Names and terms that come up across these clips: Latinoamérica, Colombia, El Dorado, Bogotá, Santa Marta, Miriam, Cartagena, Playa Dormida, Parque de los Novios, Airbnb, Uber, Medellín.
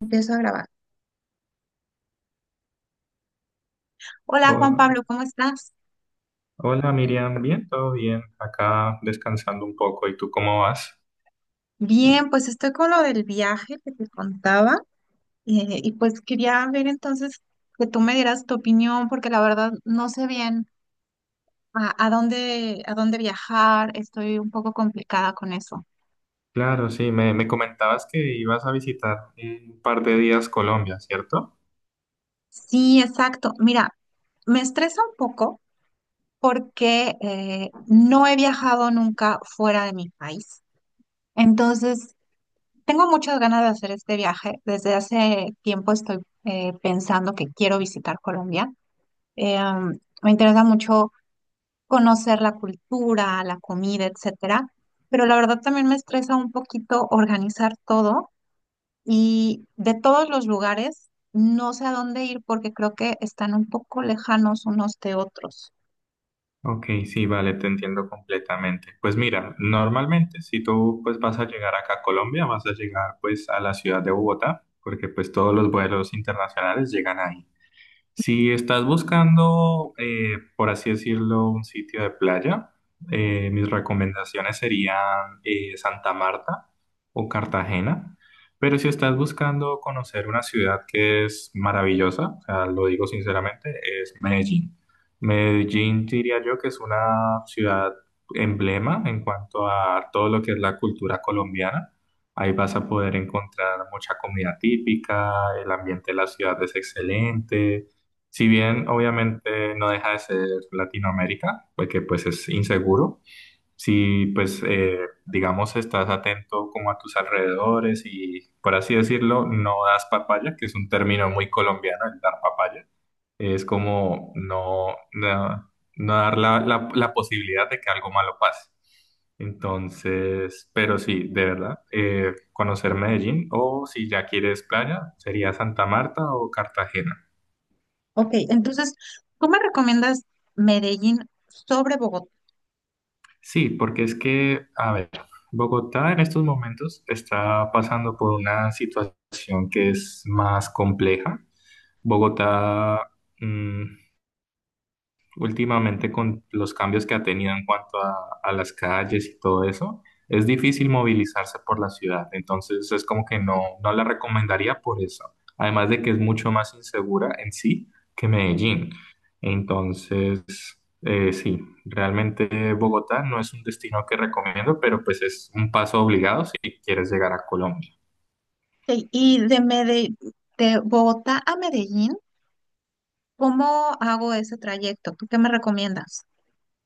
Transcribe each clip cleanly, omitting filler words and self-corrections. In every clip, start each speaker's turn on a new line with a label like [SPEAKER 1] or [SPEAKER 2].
[SPEAKER 1] Empiezo a grabar. Hola Juan
[SPEAKER 2] Oh,
[SPEAKER 1] Pablo, ¿cómo estás?
[SPEAKER 2] hola Miriam, bien, todo bien, acá descansando un poco. ¿Y tú cómo vas?
[SPEAKER 1] Bien, pues estoy con lo del viaje que te contaba, y pues quería ver entonces que tú me dieras tu opinión porque la verdad no sé bien a dónde viajar, estoy un poco complicada con eso.
[SPEAKER 2] Claro, sí, me comentabas que ibas a visitar en un par de días Colombia, ¿cierto?
[SPEAKER 1] Sí, exacto. Mira, me estresa un poco porque no he viajado nunca fuera de mi país. Entonces, tengo muchas ganas de hacer este viaje. Desde hace tiempo estoy pensando que quiero visitar Colombia. Me interesa mucho conocer la cultura, la comida, etcétera. Pero la verdad también me estresa un poquito organizar todo y de todos los lugares no sé a dónde ir porque creo que están un poco lejanos unos de otros.
[SPEAKER 2] Ok, sí, vale, te entiendo completamente. Pues mira, normalmente si tú pues vas a llegar acá a Colombia, vas a llegar pues a la ciudad de Bogotá, porque pues todos los vuelos internacionales llegan ahí. Si estás buscando, por así decirlo, un sitio de playa, mis recomendaciones serían Santa Marta o Cartagena. Pero si estás buscando conocer una ciudad que es maravillosa, o sea, lo digo sinceramente, es Medellín. Medellín diría yo que es una ciudad emblema en cuanto a todo lo que es la cultura colombiana. Ahí vas a poder encontrar mucha comida típica, el ambiente de la ciudad es excelente. Si bien obviamente no deja de ser Latinoamérica, porque pues es inseguro, si pues digamos estás atento como a tus alrededores y por así decirlo, no das papaya, que es un término muy colombiano el dar papaya, es como no, no, no dar la posibilidad de que algo malo pase. Entonces, pero sí, de verdad, conocer Medellín o si ya quieres playa, sería Santa Marta o Cartagena.
[SPEAKER 1] Ok, entonces, ¿tú me recomiendas Medellín sobre Bogotá?
[SPEAKER 2] Sí, porque es que, a ver, Bogotá en estos momentos está pasando por una situación que es más compleja. Bogotá, mm, últimamente con los cambios que ha tenido en cuanto a las calles y todo eso, es difícil movilizarse por la ciudad. Entonces es como que no, no la recomendaría por eso. Además de que es mucho más insegura en sí que Medellín. Entonces, sí, realmente Bogotá no es un destino que recomiendo, pero pues es un paso obligado si quieres llegar a Colombia.
[SPEAKER 1] Y y de Mede- ¿De Bogotá a Medellín, cómo hago ese trayecto? ¿Tú qué me recomiendas?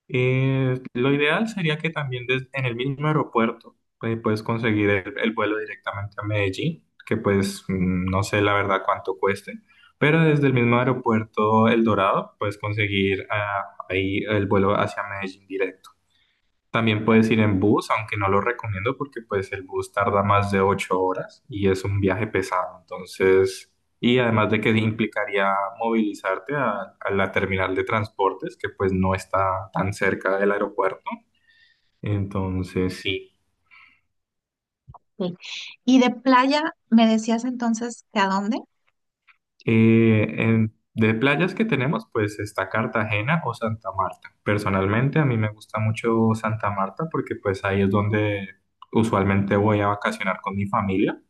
[SPEAKER 2] Lo ideal sería que también en el mismo aeropuerto pues, puedes conseguir el vuelo directamente a Medellín, que pues no sé la verdad cuánto cueste, pero desde el mismo aeropuerto El Dorado puedes conseguir ahí el vuelo hacia Medellín directo. También puedes ir en bus, aunque no lo recomiendo porque pues el bus tarda más de 8 horas y es un viaje pesado. Entonces, y además de que implicaría movilizarte a la terminal de transportes, que pues no está tan cerca del aeropuerto. Entonces, sí.
[SPEAKER 1] Sí. Y de playa, ¿me decías entonces que a dónde?
[SPEAKER 2] De playas que tenemos, pues está Cartagena o Santa Marta. Personalmente, a mí me gusta mucho Santa Marta porque pues ahí es donde usualmente voy a vacacionar con mi familia.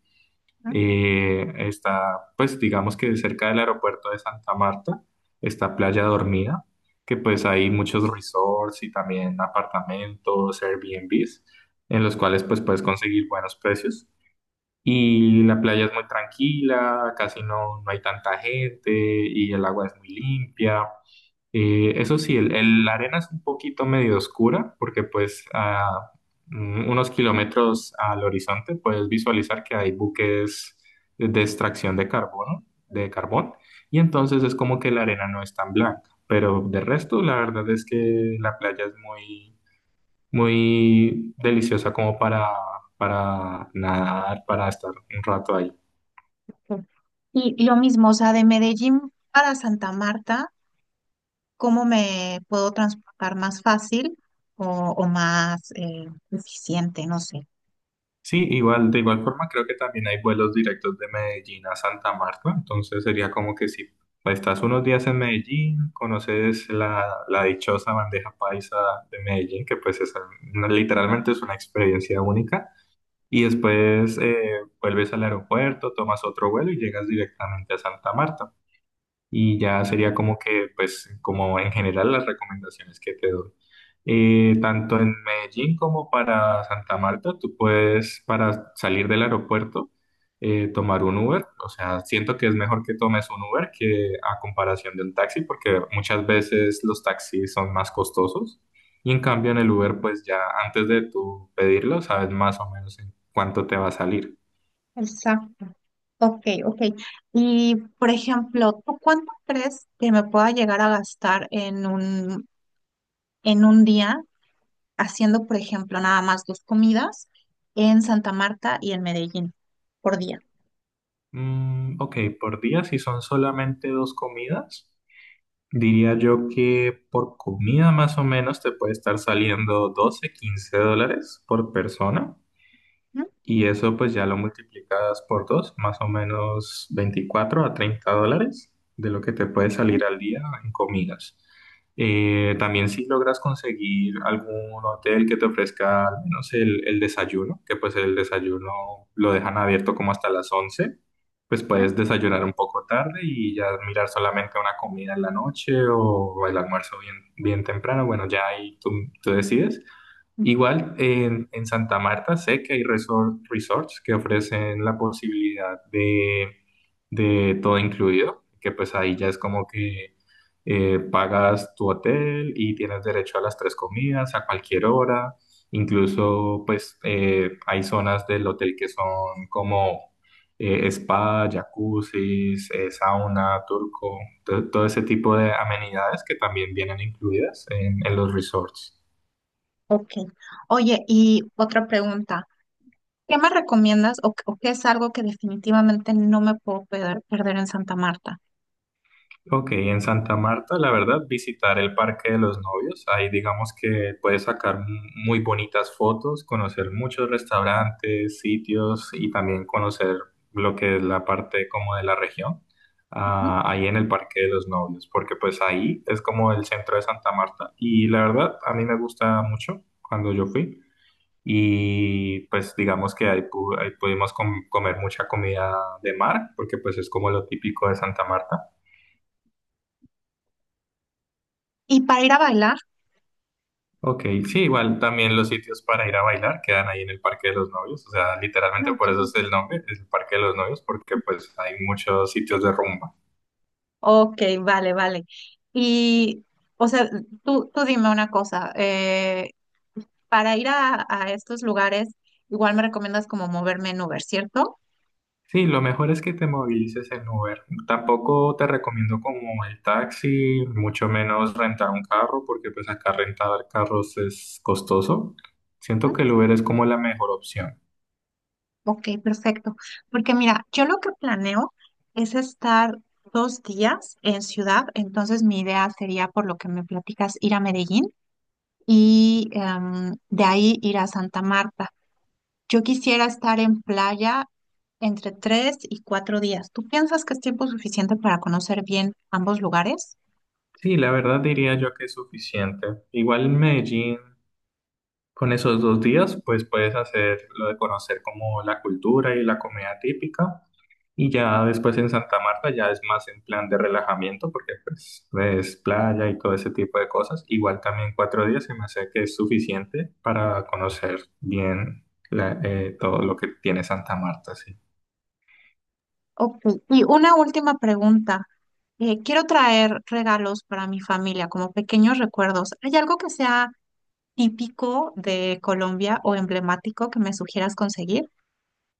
[SPEAKER 1] ¿No?
[SPEAKER 2] Está, pues digamos que cerca del aeropuerto de Santa Marta, está Playa Dormida, que pues hay muchos resorts y también apartamentos, Airbnbs, en los cuales pues puedes conseguir buenos precios. Y la playa es muy tranquila, casi no, no hay tanta gente y el agua es muy limpia. Y eso sí, la arena es un poquito medio oscura porque pues a unos kilómetros al horizonte puedes visualizar que hay buques de extracción de carbono, de carbón, y entonces es como que la arena no es tan blanca. Pero de resto, la verdad es que la playa es muy, muy deliciosa como para nadar, para estar un rato ahí.
[SPEAKER 1] Sí. Y lo mismo, o sea, de Medellín para Santa Marta, ¿cómo me puedo transportar más fácil o, o más eficiente? No sé.
[SPEAKER 2] Sí, igual, de igual forma creo que también hay vuelos directos de Medellín a Santa Marta, entonces sería como que si estás unos días en Medellín, conoces la dichosa bandeja paisa de Medellín, que pues es literalmente es una experiencia única, y después vuelves al aeropuerto, tomas otro vuelo y llegas directamente a Santa Marta y ya sería como que, pues, como en general las recomendaciones que te doy. Tanto en Medellín como para Santa Marta, tú puedes, para salir del aeropuerto, tomar un Uber. O sea, siento que es mejor que tomes un Uber que a comparación de un taxi, porque muchas veces los taxis son más costosos. Y en cambio en el Uber, pues ya antes de tú pedirlo, sabes más o menos en cuánto te va a salir.
[SPEAKER 1] Exacto. Ok, ok. Y, por ejemplo, ¿tú cuánto crees que me pueda llegar a gastar en en un día haciendo, por ejemplo, nada más dos comidas en Santa Marta y en Medellín por día?
[SPEAKER 2] Mm, ok, por día, si son solamente dos comidas. Diría yo que por comida más o menos te puede estar saliendo 12 a 15 dólares por persona.
[SPEAKER 1] ¿Mm?
[SPEAKER 2] Y eso pues ya lo multiplicas por dos, más o menos 24 a 30 dólares de lo que te puede
[SPEAKER 1] Sí.
[SPEAKER 2] salir al día en comidas. También si logras conseguir algún hotel que te ofrezca al menos el desayuno, que pues el desayuno lo dejan abierto como hasta las 11, pues
[SPEAKER 1] ¿Mm?
[SPEAKER 2] puedes desayunar un poco tarde y ya mirar solamente una comida en la noche o el almuerzo bien, bien temprano. Bueno, ya ahí tú decides.
[SPEAKER 1] Ujú.
[SPEAKER 2] Igual en Santa Marta sé que hay resorts que ofrecen la posibilidad de todo incluido, que pues ahí ya es como que pagas tu hotel y tienes derecho a las tres comidas a cualquier hora, incluso pues hay zonas del hotel que son como spa, jacuzzis, sauna, turco, todo ese tipo de amenidades que también vienen incluidas en los resorts.
[SPEAKER 1] Ok. Oye, y otra pregunta. ¿Qué me recomiendas o qué es algo que definitivamente no me puedo perder en Santa Marta?
[SPEAKER 2] Ok, en Santa Marta, la verdad, visitar el Parque de los Novios, ahí digamos que puedes sacar muy bonitas fotos, conocer muchos restaurantes, sitios y también conocer lo que es la parte como de la región,
[SPEAKER 1] Ujú.
[SPEAKER 2] ahí en el Parque de los Novios, porque pues ahí es como el centro de Santa Marta y la verdad, a mí me gusta mucho cuando yo fui y pues digamos que ahí, ahí pudimos comer mucha comida de mar, porque pues es como lo típico de Santa Marta.
[SPEAKER 1] ¿Y para ir a bailar?
[SPEAKER 2] Ok, sí, igual también los sitios para ir a bailar quedan ahí en el Parque de los Novios, o sea,
[SPEAKER 1] No,
[SPEAKER 2] literalmente
[SPEAKER 1] ok,
[SPEAKER 2] por eso es el nombre, es el Parque de los Novios, porque pues hay muchos sitios de rumba.
[SPEAKER 1] ok, vale, vale. Y, o sea, tú dime una cosa. Para ir a estos lugares, igual me recomiendas como moverme en Uber, ¿cierto?
[SPEAKER 2] Sí, lo mejor es que te movilices en Uber. Tampoco te recomiendo como el taxi, mucho menos rentar un carro, porque pues acá rentar carros es costoso. Siento que el Uber es como la mejor opción.
[SPEAKER 1] Ok, perfecto. Porque mira, yo lo que planeo es estar dos días en ciudad, entonces mi idea sería, por lo que me platicas, ir a Medellín y de ahí ir a Santa Marta. Yo quisiera estar en playa entre tres y cuatro días. ¿Tú piensas que es tiempo suficiente para conocer bien ambos lugares?
[SPEAKER 2] Sí, la verdad diría yo que es suficiente. Igual en Medellín. Con esos 2 días, pues puedes hacer lo de conocer como la cultura y la comida típica. Y ya después en Santa Marta ya es más en plan de relajamiento, porque pues es playa y todo ese tipo de cosas. Igual también 4 días se me hace que es suficiente para conocer bien todo lo que tiene Santa Marta, sí.
[SPEAKER 1] Ok, y una última pregunta. Quiero traer regalos para mi familia como pequeños recuerdos. ¿Hay algo que sea típico de Colombia o emblemático que me sugieras conseguir?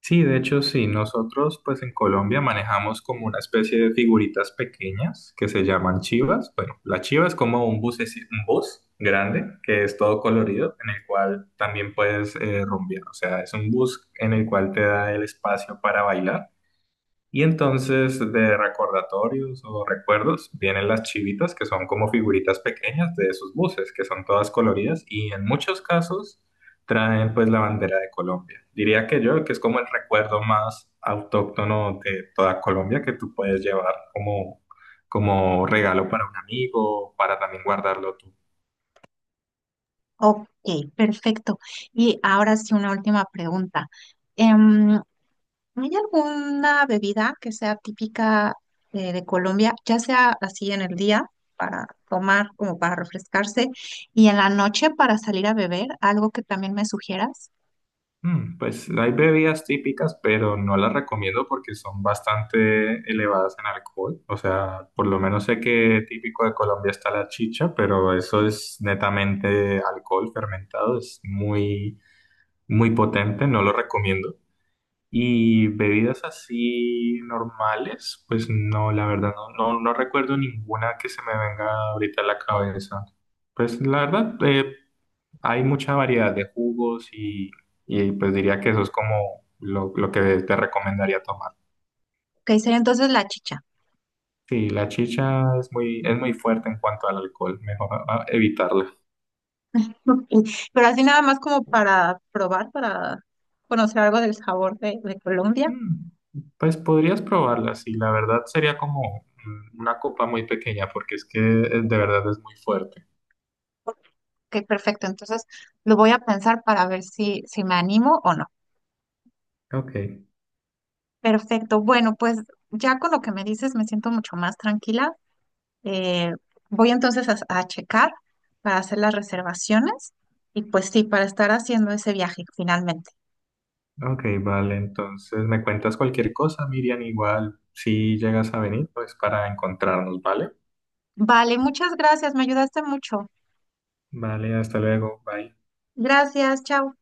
[SPEAKER 2] Sí, de hecho, sí, nosotros pues en Colombia manejamos como una especie de figuritas pequeñas que se llaman chivas. Bueno, la chiva es como un bus grande que es todo colorido en el cual también puedes rumbear. O sea, es un bus en el cual te da el espacio para bailar. Y entonces de recordatorios o recuerdos vienen las chivitas, que son como figuritas pequeñas de esos buses, que son todas coloridas y en muchos casos traen pues la bandera de Colombia. Diría que yo, que es como el recuerdo más autóctono de toda Colombia que tú puedes llevar como, regalo para un amigo, para también guardarlo tú
[SPEAKER 1] Ok, perfecto. Y ahora sí, una última pregunta. Em, ¿Hay alguna bebida que sea típica, de Colombia, ya sea así en el día para tomar, como para refrescarse, y en la noche para salir a beber? ¿Algo que también me sugieras?
[SPEAKER 2] Mm, Pues hay bebidas típicas, pero no las recomiendo porque son bastante elevadas en alcohol. O sea, por lo menos sé que típico de Colombia está la chicha, pero eso es netamente alcohol fermentado, es muy, muy potente, no lo recomiendo. Y bebidas así normales, pues no, la verdad, no, no, no recuerdo ninguna que se me venga ahorita a la cabeza. Pues la verdad, hay mucha variedad de jugos y, pues diría que eso es como lo que te recomendaría tomar.
[SPEAKER 1] Ok, sería entonces la chicha.
[SPEAKER 2] Sí, la chicha es muy fuerte en cuanto al alcohol, mejor evitarla.
[SPEAKER 1] Ok, pero así nada más como para probar, para conocer algo del sabor de Colombia.
[SPEAKER 2] Mm, Pues podrías probarla, sí, la verdad sería como una copa muy pequeña porque es que de verdad es muy fuerte.
[SPEAKER 1] Ok, perfecto. Entonces lo voy a pensar para ver si, si me animo o no.
[SPEAKER 2] Ok,
[SPEAKER 1] Perfecto. Bueno, pues ya con lo que me dices me siento mucho más tranquila. Eh, Voy entonces a checar para hacer las reservaciones y pues sí, para estar haciendo ese viaje finalmente.
[SPEAKER 2] ok, vale, entonces me cuentas cualquier cosa, Miriam, igual si llegas a venir, pues para encontrarnos, ¿vale?
[SPEAKER 1] Vale, muchas gracias. Me ayudaste mucho.
[SPEAKER 2] Vale, hasta luego, bye.
[SPEAKER 1] Gracias. Chao.